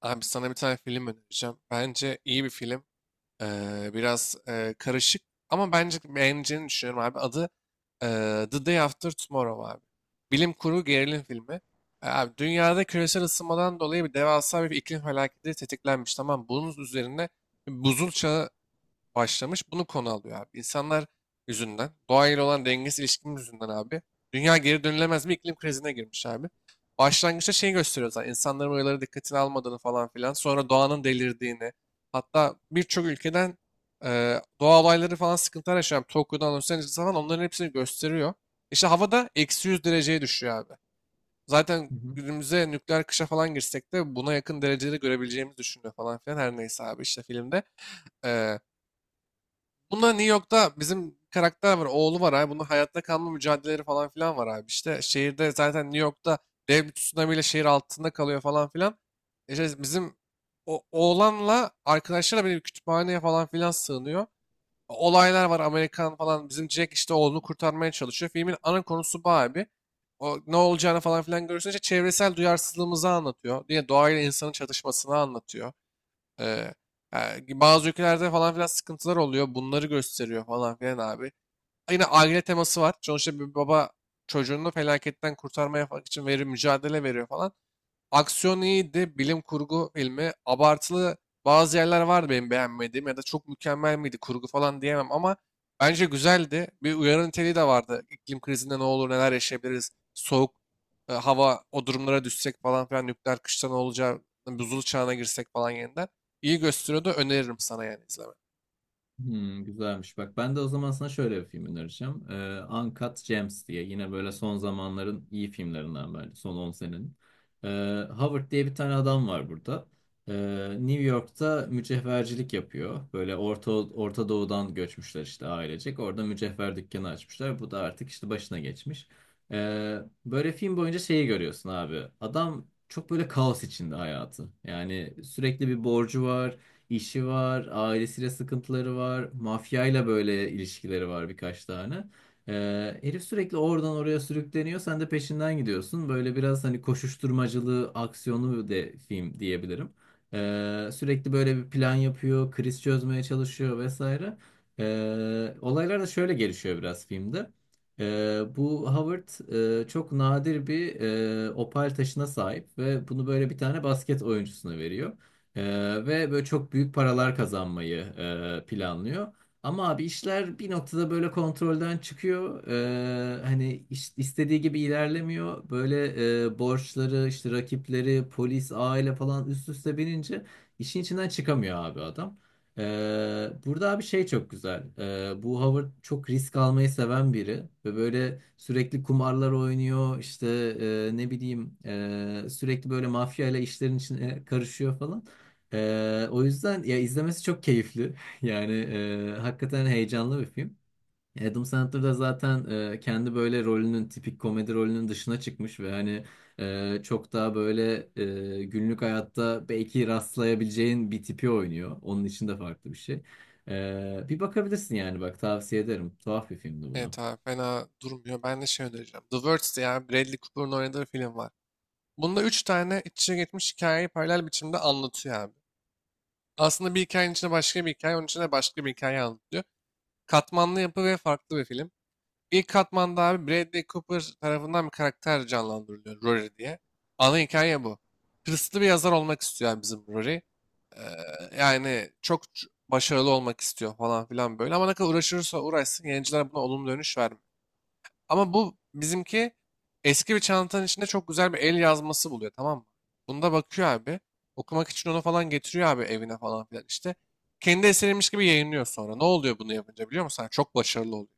Abi sana bir tane film önereceğim. Bence iyi bir film. Biraz karışık ama bence beğeneceğini düşünüyorum abi. Adı e, The Day After Tomorrow abi. Bilim kurgu gerilim filmi. Abi dünyada küresel ısınmadan dolayı devasa bir iklim felaketi tetiklenmiş. Tamam bunun üzerine buzul çağı başlamış. Bunu konu alıyor abi. İnsanlar yüzünden, doğayla olan dengesiz ilişkimiz yüzünden abi. Dünya geri dönülemez bir iklim krizine girmiş abi. Başlangıçta şey gösteriyor zaten. İnsanların uyarıları dikkatini almadığını falan filan. Sonra doğanın delirdiğini. Hatta birçok ülkeden doğa olayları falan sıkıntılar yaşayan Tokyo'dan Los Angeles'a falan onların hepsini gösteriyor. İşte havada eksi 100 dereceye düşüyor abi. Zaten Hı hı. günümüze nükleer kışa falan girsek de buna yakın dereceleri görebileceğimizi düşünüyor falan filan. Her neyse abi işte filmde. E, Bunda New York'ta bizim karakter var, oğlu var abi. Bunun hayatta kalma mücadeleleri falan filan var abi. İşte şehirde zaten New York'ta dev bir tsunami şehir altında kalıyor falan filan. İşte bizim oğlanla arkadaşlarla bir kütüphaneye falan filan sığınıyor. Olaylar var Amerikan falan. Bizim Jack işte oğlunu kurtarmaya çalışıyor. Filmin ana konusu bu abi. O ne olacağını falan filan görüyorsun. İşte çevresel duyarsızlığımızı anlatıyor. Yine doğayla insanın çatışmasını anlatıyor. Ee, ha, Bazı ülkelerde falan filan sıkıntılar oluyor. Bunları gösteriyor falan filan abi. Yine aile teması var. Sonuçta bir baba çocuğunu felaketten kurtarmaya falan için verir, mücadele veriyor falan. Aksiyon iyiydi. Bilim kurgu filmi. Abartılı bazı yerler vardı benim beğenmediğim ya da çok mükemmel miydi kurgu falan diyemem ama bence güzeldi. Bir uyarı niteliği de vardı. İklim krizinde ne olur neler yaşayabiliriz. Soğuk hava o durumlara düşsek falan filan nükleer kışta ne olacağı, buzul çağına girsek falan yeniden. İyi gösteriyordu. Öneririm sana yani izleme. Hmm, güzelmiş. Bak ben de o zaman sana şöyle bir film önereceğim. Uncut Gems diye. Yine böyle son zamanların iyi filmlerinden bence. Son 10 senenin. Howard diye bir tane adam var burada. Ee, New York'ta mücevhercilik yapıyor. Böyle Orta Doğu'dan göçmüşler işte ailecek. Orada mücevher dükkanı açmışlar. Bu da artık işte başına geçmiş. Ee, böyle film boyunca şeyi görüyorsun abi. Adam çok böyle kaos içinde hayatı. Yani sürekli bir borcu var. İşi var, ailesiyle sıkıntıları var, mafyayla böyle ilişkileri var birkaç tane. Herif sürekli oradan oraya sürükleniyor, sen de peşinden gidiyorsun. Böyle biraz hani koşuşturmacılı, aksiyonlu de film diyebilirim. Sürekli böyle bir plan yapıyor, kriz çözmeye çalışıyor vesaire. Olaylar da şöyle gelişiyor biraz filmde. Bu Howard çok nadir bir opal taşına sahip ve bunu böyle bir tane basket oyuncusuna veriyor. Ee, ve böyle çok büyük paralar kazanmayı planlıyor. Ama abi işler bir noktada böyle kontrolden çıkıyor. Hani istediği gibi ilerlemiyor. Böyle borçları, işte rakipleri, polis, aile falan üst üste binince işin içinden çıkamıyor abi adam. Burada abi şey çok güzel. Bu Howard çok risk almayı seven biri ve böyle sürekli kumarlar oynuyor. İşte ne bileyim sürekli böyle mafya ile işlerin içine karışıyor falan. O yüzden ya izlemesi çok keyifli. Yani hakikaten heyecanlı bir film. Adam Sandler da zaten kendi böyle rolünün tipik komedi rolünün dışına çıkmış ve hani çok daha böyle günlük hayatta belki rastlayabileceğin bir tipi oynuyor. Onun için de farklı bir şey. Bir bakabilirsin yani bak tavsiye ederim. Tuhaf bir filmdi bu da. Evet abi fena durmuyor. Ben de şey önereceğim. The Words diye abi Bradley Cooper'ın oynadığı film var. Bunda üç tane iç içe geçmiş hikayeyi paralel biçimde anlatıyor abi. Aslında bir hikayenin içinde başka bir hikaye, onun içinde başka bir hikaye anlatıyor. Katmanlı yapı ve farklı bir film. İlk katmanda abi Bradley Cooper tarafından bir karakter canlandırılıyor, Rory diye. Ana hikaye bu. Hırslı bir yazar olmak istiyor yani bizim Rory. Yani çok başarılı olmak istiyor falan filan böyle. Ama ne kadar uğraşırsa uğraşsın yayıncılar buna olumlu dönüş vermiyor. Ama bu bizimki eski bir çantanın içinde çok güzel bir el yazması buluyor, tamam mı? Bunda bakıyor abi. Okumak için onu falan getiriyor abi evine falan filan işte. Kendi eseriymiş gibi yayınlıyor sonra. Ne oluyor bunu yapınca biliyor musun? Hani çok başarılı oluyor.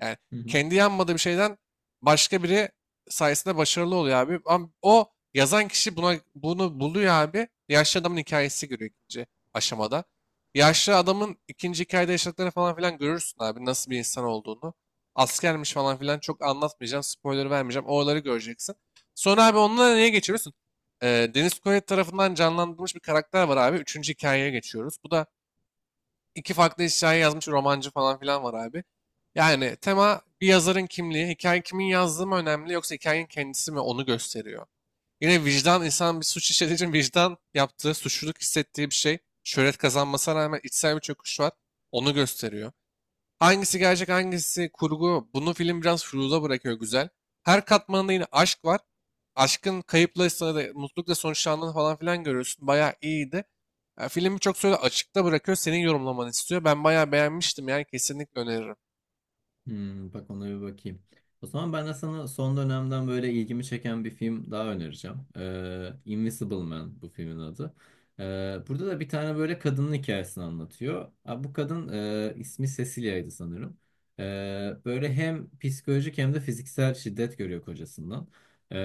Yani Hı hı. kendi yanmadığı bir şeyden başka biri sayesinde başarılı oluyor abi. Ama o yazan kişi buna bunu buluyor abi. Yaşlı adamın hikayesi görüyor ikinci aşamada. Yaşlı adamın ikinci hikayede yaşadıklarını falan filan görürsün abi. Nasıl bir insan olduğunu. Askermiş falan filan, çok anlatmayacağım. Spoiler vermeyeceğim. Oraları göreceksin. Sonra abi onunla neye geçiyorsun? Deniz Koyet tarafından canlandırılmış bir karakter var abi. Üçüncü hikayeye geçiyoruz. Bu da iki farklı hikaye yazmış romancı falan filan var abi. Yani tema bir yazarın kimliği, hikaye kimin yazdığı mı önemli yoksa hikayenin kendisi mi, onu gösteriyor. Yine vicdan, insan bir suç işlediği için vicdan yaptığı, suçluluk hissettiği bir şey. Şöhret kazanmasına rağmen içsel bir çöküş var. Onu gösteriyor. Hangisi gerçek hangisi kurgu bunu film biraz furuza bırakıyor, güzel. Her katmanında yine aşk var. Mutlulukla sonuçlandığını falan filan görüyorsun. Bayağı iyiydi. Ya, filmi çok söyle açıkta bırakıyor. Senin yorumlamanı istiyor. Ben bayağı beğenmiştim yani kesinlikle öneririm. Hmm, bak ona bir bakayım. O zaman ben de sana son dönemden böyle ilgimi çeken bir film daha önereceğim. Invisible Man bu filmin adı. Burada da bir tane böyle kadının hikayesini anlatıyor. Ha, bu kadın ismi Cecilia'ydı sanırım. Böyle hem psikolojik hem de fiziksel şiddet görüyor kocasından. Ee,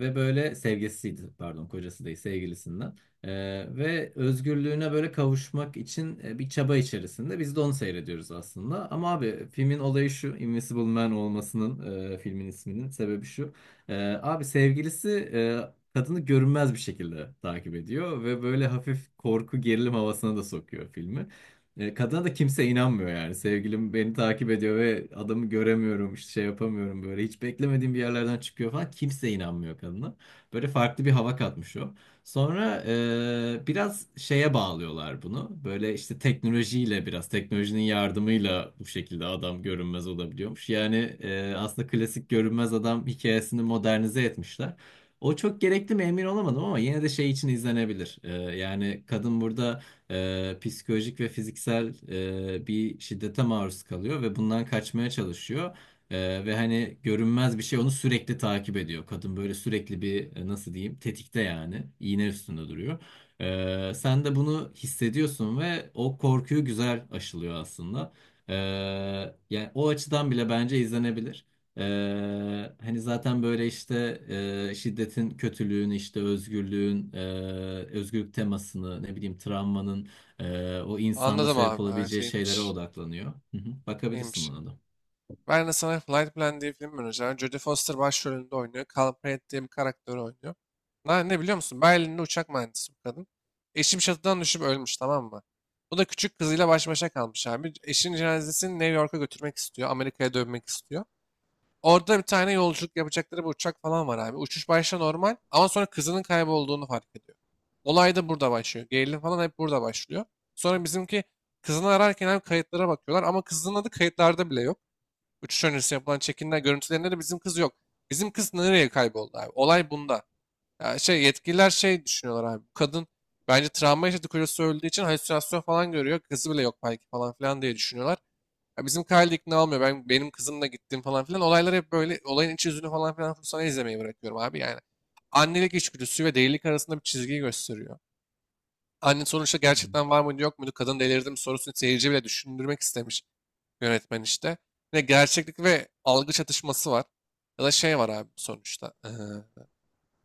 ve böyle sevgilisiydi pardon kocası değil sevgilisinden. Ve özgürlüğüne böyle kavuşmak için bir çaba içerisinde. Biz de onu seyrediyoruz aslında. Ama abi filmin olayı şu, Invisible Man olmasının filmin isminin sebebi şu. Ee, abi sevgilisi e, kadını görünmez bir şekilde takip ediyor ve böyle hafif korku gerilim havasına da sokuyor filmi. Kadına da kimse inanmıyor yani. Sevgilim beni takip ediyor ve adamı göremiyorum, işte şey yapamıyorum böyle. Hiç beklemediğim bir yerlerden çıkıyor falan. Kimse inanmıyor kadına. Böyle farklı bir hava katmış o. Sonra biraz şeye bağlıyorlar bunu. Böyle işte teknolojiyle biraz teknolojinin yardımıyla bu şekilde adam görünmez olabiliyormuş. Yani aslında klasik görünmez adam hikayesini modernize etmişler. O çok gerekli mi emin olamadım ama yine de şey için izlenebilir. Yani kadın burada psikolojik ve fiziksel bir şiddete maruz kalıyor ve bundan kaçmaya çalışıyor. Ve hani görünmez bir şey onu sürekli takip ediyor. Kadın böyle sürekli bir nasıl diyeyim tetikte yani iğne üstünde duruyor. Sen de bunu hissediyorsun ve o korkuyu güzel aşılıyor aslında. Ee, yani o açıdan bile bence izlenebilir. Hani zaten böyle işte şiddetin kötülüğün işte özgürlüğün özgürlük temasını ne bileyim travmanın o insanda Anladım sebep abi. Evet olabileceği şeylere iyiymiş. odaklanıyor. Hı hı. Bakabilirsin İyiymiş. buna da. Ben de sana Flight Plan diye film önereceğim. Jodie Foster başrolünde oynuyor. Call Pratt diye bir karakteri oynuyor. Ne biliyor musun? Berlin'de uçak mühendisi bu kadın. Eşim bir çatıdan düşüp ölmüş, tamam mı? Bu da küçük kızıyla baş başa kalmış abi. Eşinin cenazesini New York'a götürmek istiyor. Amerika'ya dönmek istiyor. Orada bir tane yolculuk yapacakları bir uçak falan var abi. Uçuş başta normal ama sonra kızının kaybolduğunu fark ediyor. Olay da burada başlıyor. Gerilim falan hep burada başlıyor. Sonra bizimki kızını ararken hem kayıtlara bakıyorlar ama kızının adı kayıtlarda bile yok. Uçuş öncesi yapılan çekimler görüntülerinde de bizim kız yok. Bizim kız nereye kayboldu abi? Olay bunda. Ya şey yetkililer şey düşünüyorlar abi. Bu kadın bence travma yaşadı, kocası öldüğü için halüsinasyon falan görüyor. Kızı bile yok belki falan filan diye düşünüyorlar. Ya bizim Kyle de ikna olmuyor. Ben benim kızımla gittim falan filan. Olaylar hep böyle, olayın iç yüzünü falan filan sana izlemeyi bırakıyorum abi yani. Annelik içgüdüsü ve delilik arasında bir çizgiyi gösteriyor. Anne sonuçta Hı gerçekten var mıydı yok muydu, kadın delirdi mi sorusunu seyirci bile düşündürmek istemiş yönetmen işte. Yine gerçeklik ve algı çatışması var. Ya da şey var abi sonuçta.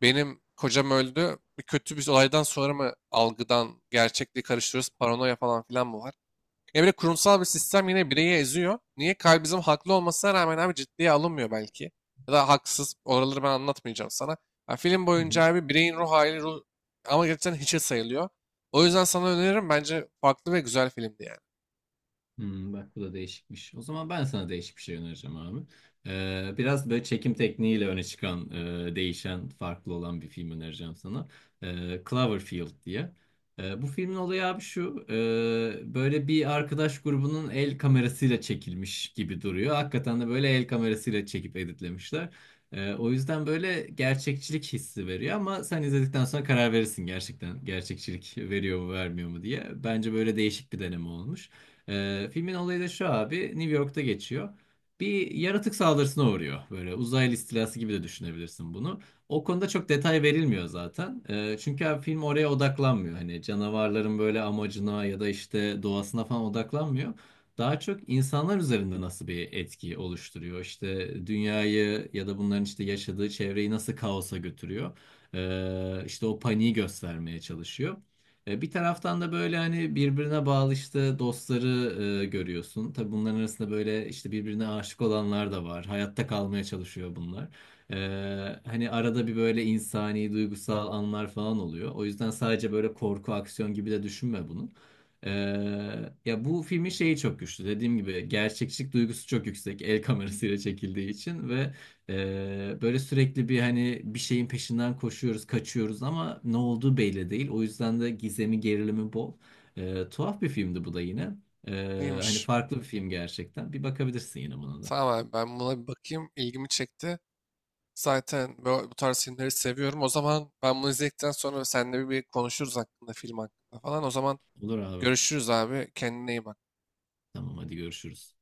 Benim kocam öldü. Bir kötü bir olaydan sonra mı algıdan gerçekliği karıştırıyoruz? Paranoya falan filan mı var? Ya bir kurumsal bir sistem yine bireyi eziyor. Niye? Kalbimizin haklı olmasına rağmen abi ciddiye alınmıyor belki. Ya da haksız. Oraları ben anlatmayacağım sana. Ya film hı. boyunca abi bireyin ruh hali, ruh... ama gerçekten hiçe sayılıyor. O yüzden sana öneririm. Bence farklı ve güzel filmdi yani. Hmm, bak bu da değişikmiş. O zaman ben sana değişik bir şey önereceğim abi. Biraz böyle çekim tekniğiyle öne çıkan, değişen, farklı olan bir film önereceğim sana. Cloverfield diye. Bu filmin olayı abi şu. Böyle bir arkadaş grubunun el kamerasıyla çekilmiş gibi duruyor. Hakikaten de böyle el kamerasıyla çekip editlemişler. O yüzden böyle gerçekçilik hissi veriyor ama sen izledikten sonra karar verirsin gerçekten gerçekçilik veriyor mu vermiyor mu diye. Bence böyle değişik bir deneme olmuş. Filmin olayı da şu abi. New York'ta geçiyor. Bir yaratık saldırısına uğruyor. Böyle uzaylı istilası gibi de düşünebilirsin bunu. O konuda çok detay verilmiyor zaten. Çünkü abi film oraya odaklanmıyor. Hani canavarların böyle amacına ya da işte doğasına falan odaklanmıyor. Daha çok insanlar üzerinde nasıl bir etki oluşturuyor. İşte dünyayı ya da bunların işte yaşadığı çevreyi nasıl kaosa götürüyor. İşte o paniği göstermeye çalışıyor. Bir taraftan da böyle hani birbirine bağlı işte dostları görüyorsun. Tabii bunların arasında böyle işte birbirine aşık olanlar da var. Hayatta kalmaya çalışıyor bunlar. E, hani arada bir böyle insani, duygusal anlar falan oluyor. O yüzden sadece böyle korku, aksiyon gibi de düşünme bunu. E, ya bu filmin şeyi çok güçlü. Dediğim gibi gerçekçilik duygusu çok yüksek. El kamerasıyla çekildiği için ve böyle sürekli bir hani bir şeyin peşinden koşuyoruz, kaçıyoruz ama ne olduğu belli değil. O yüzden de gizemi, gerilimi bol. Tuhaf bir filmdi bu da yine. Hani İyiymiş. farklı bir film gerçekten. Bir bakabilirsin yine buna da. Tamam abi ben buna bir bakayım. İlgimi çekti. Zaten bu tarz filmleri seviyorum. O zaman ben bunu izledikten sonra seninle bir konuşuruz hakkında, film hakkında falan. O zaman Olur abi. görüşürüz abi. Kendine iyi bak. Tamam hadi görüşürüz.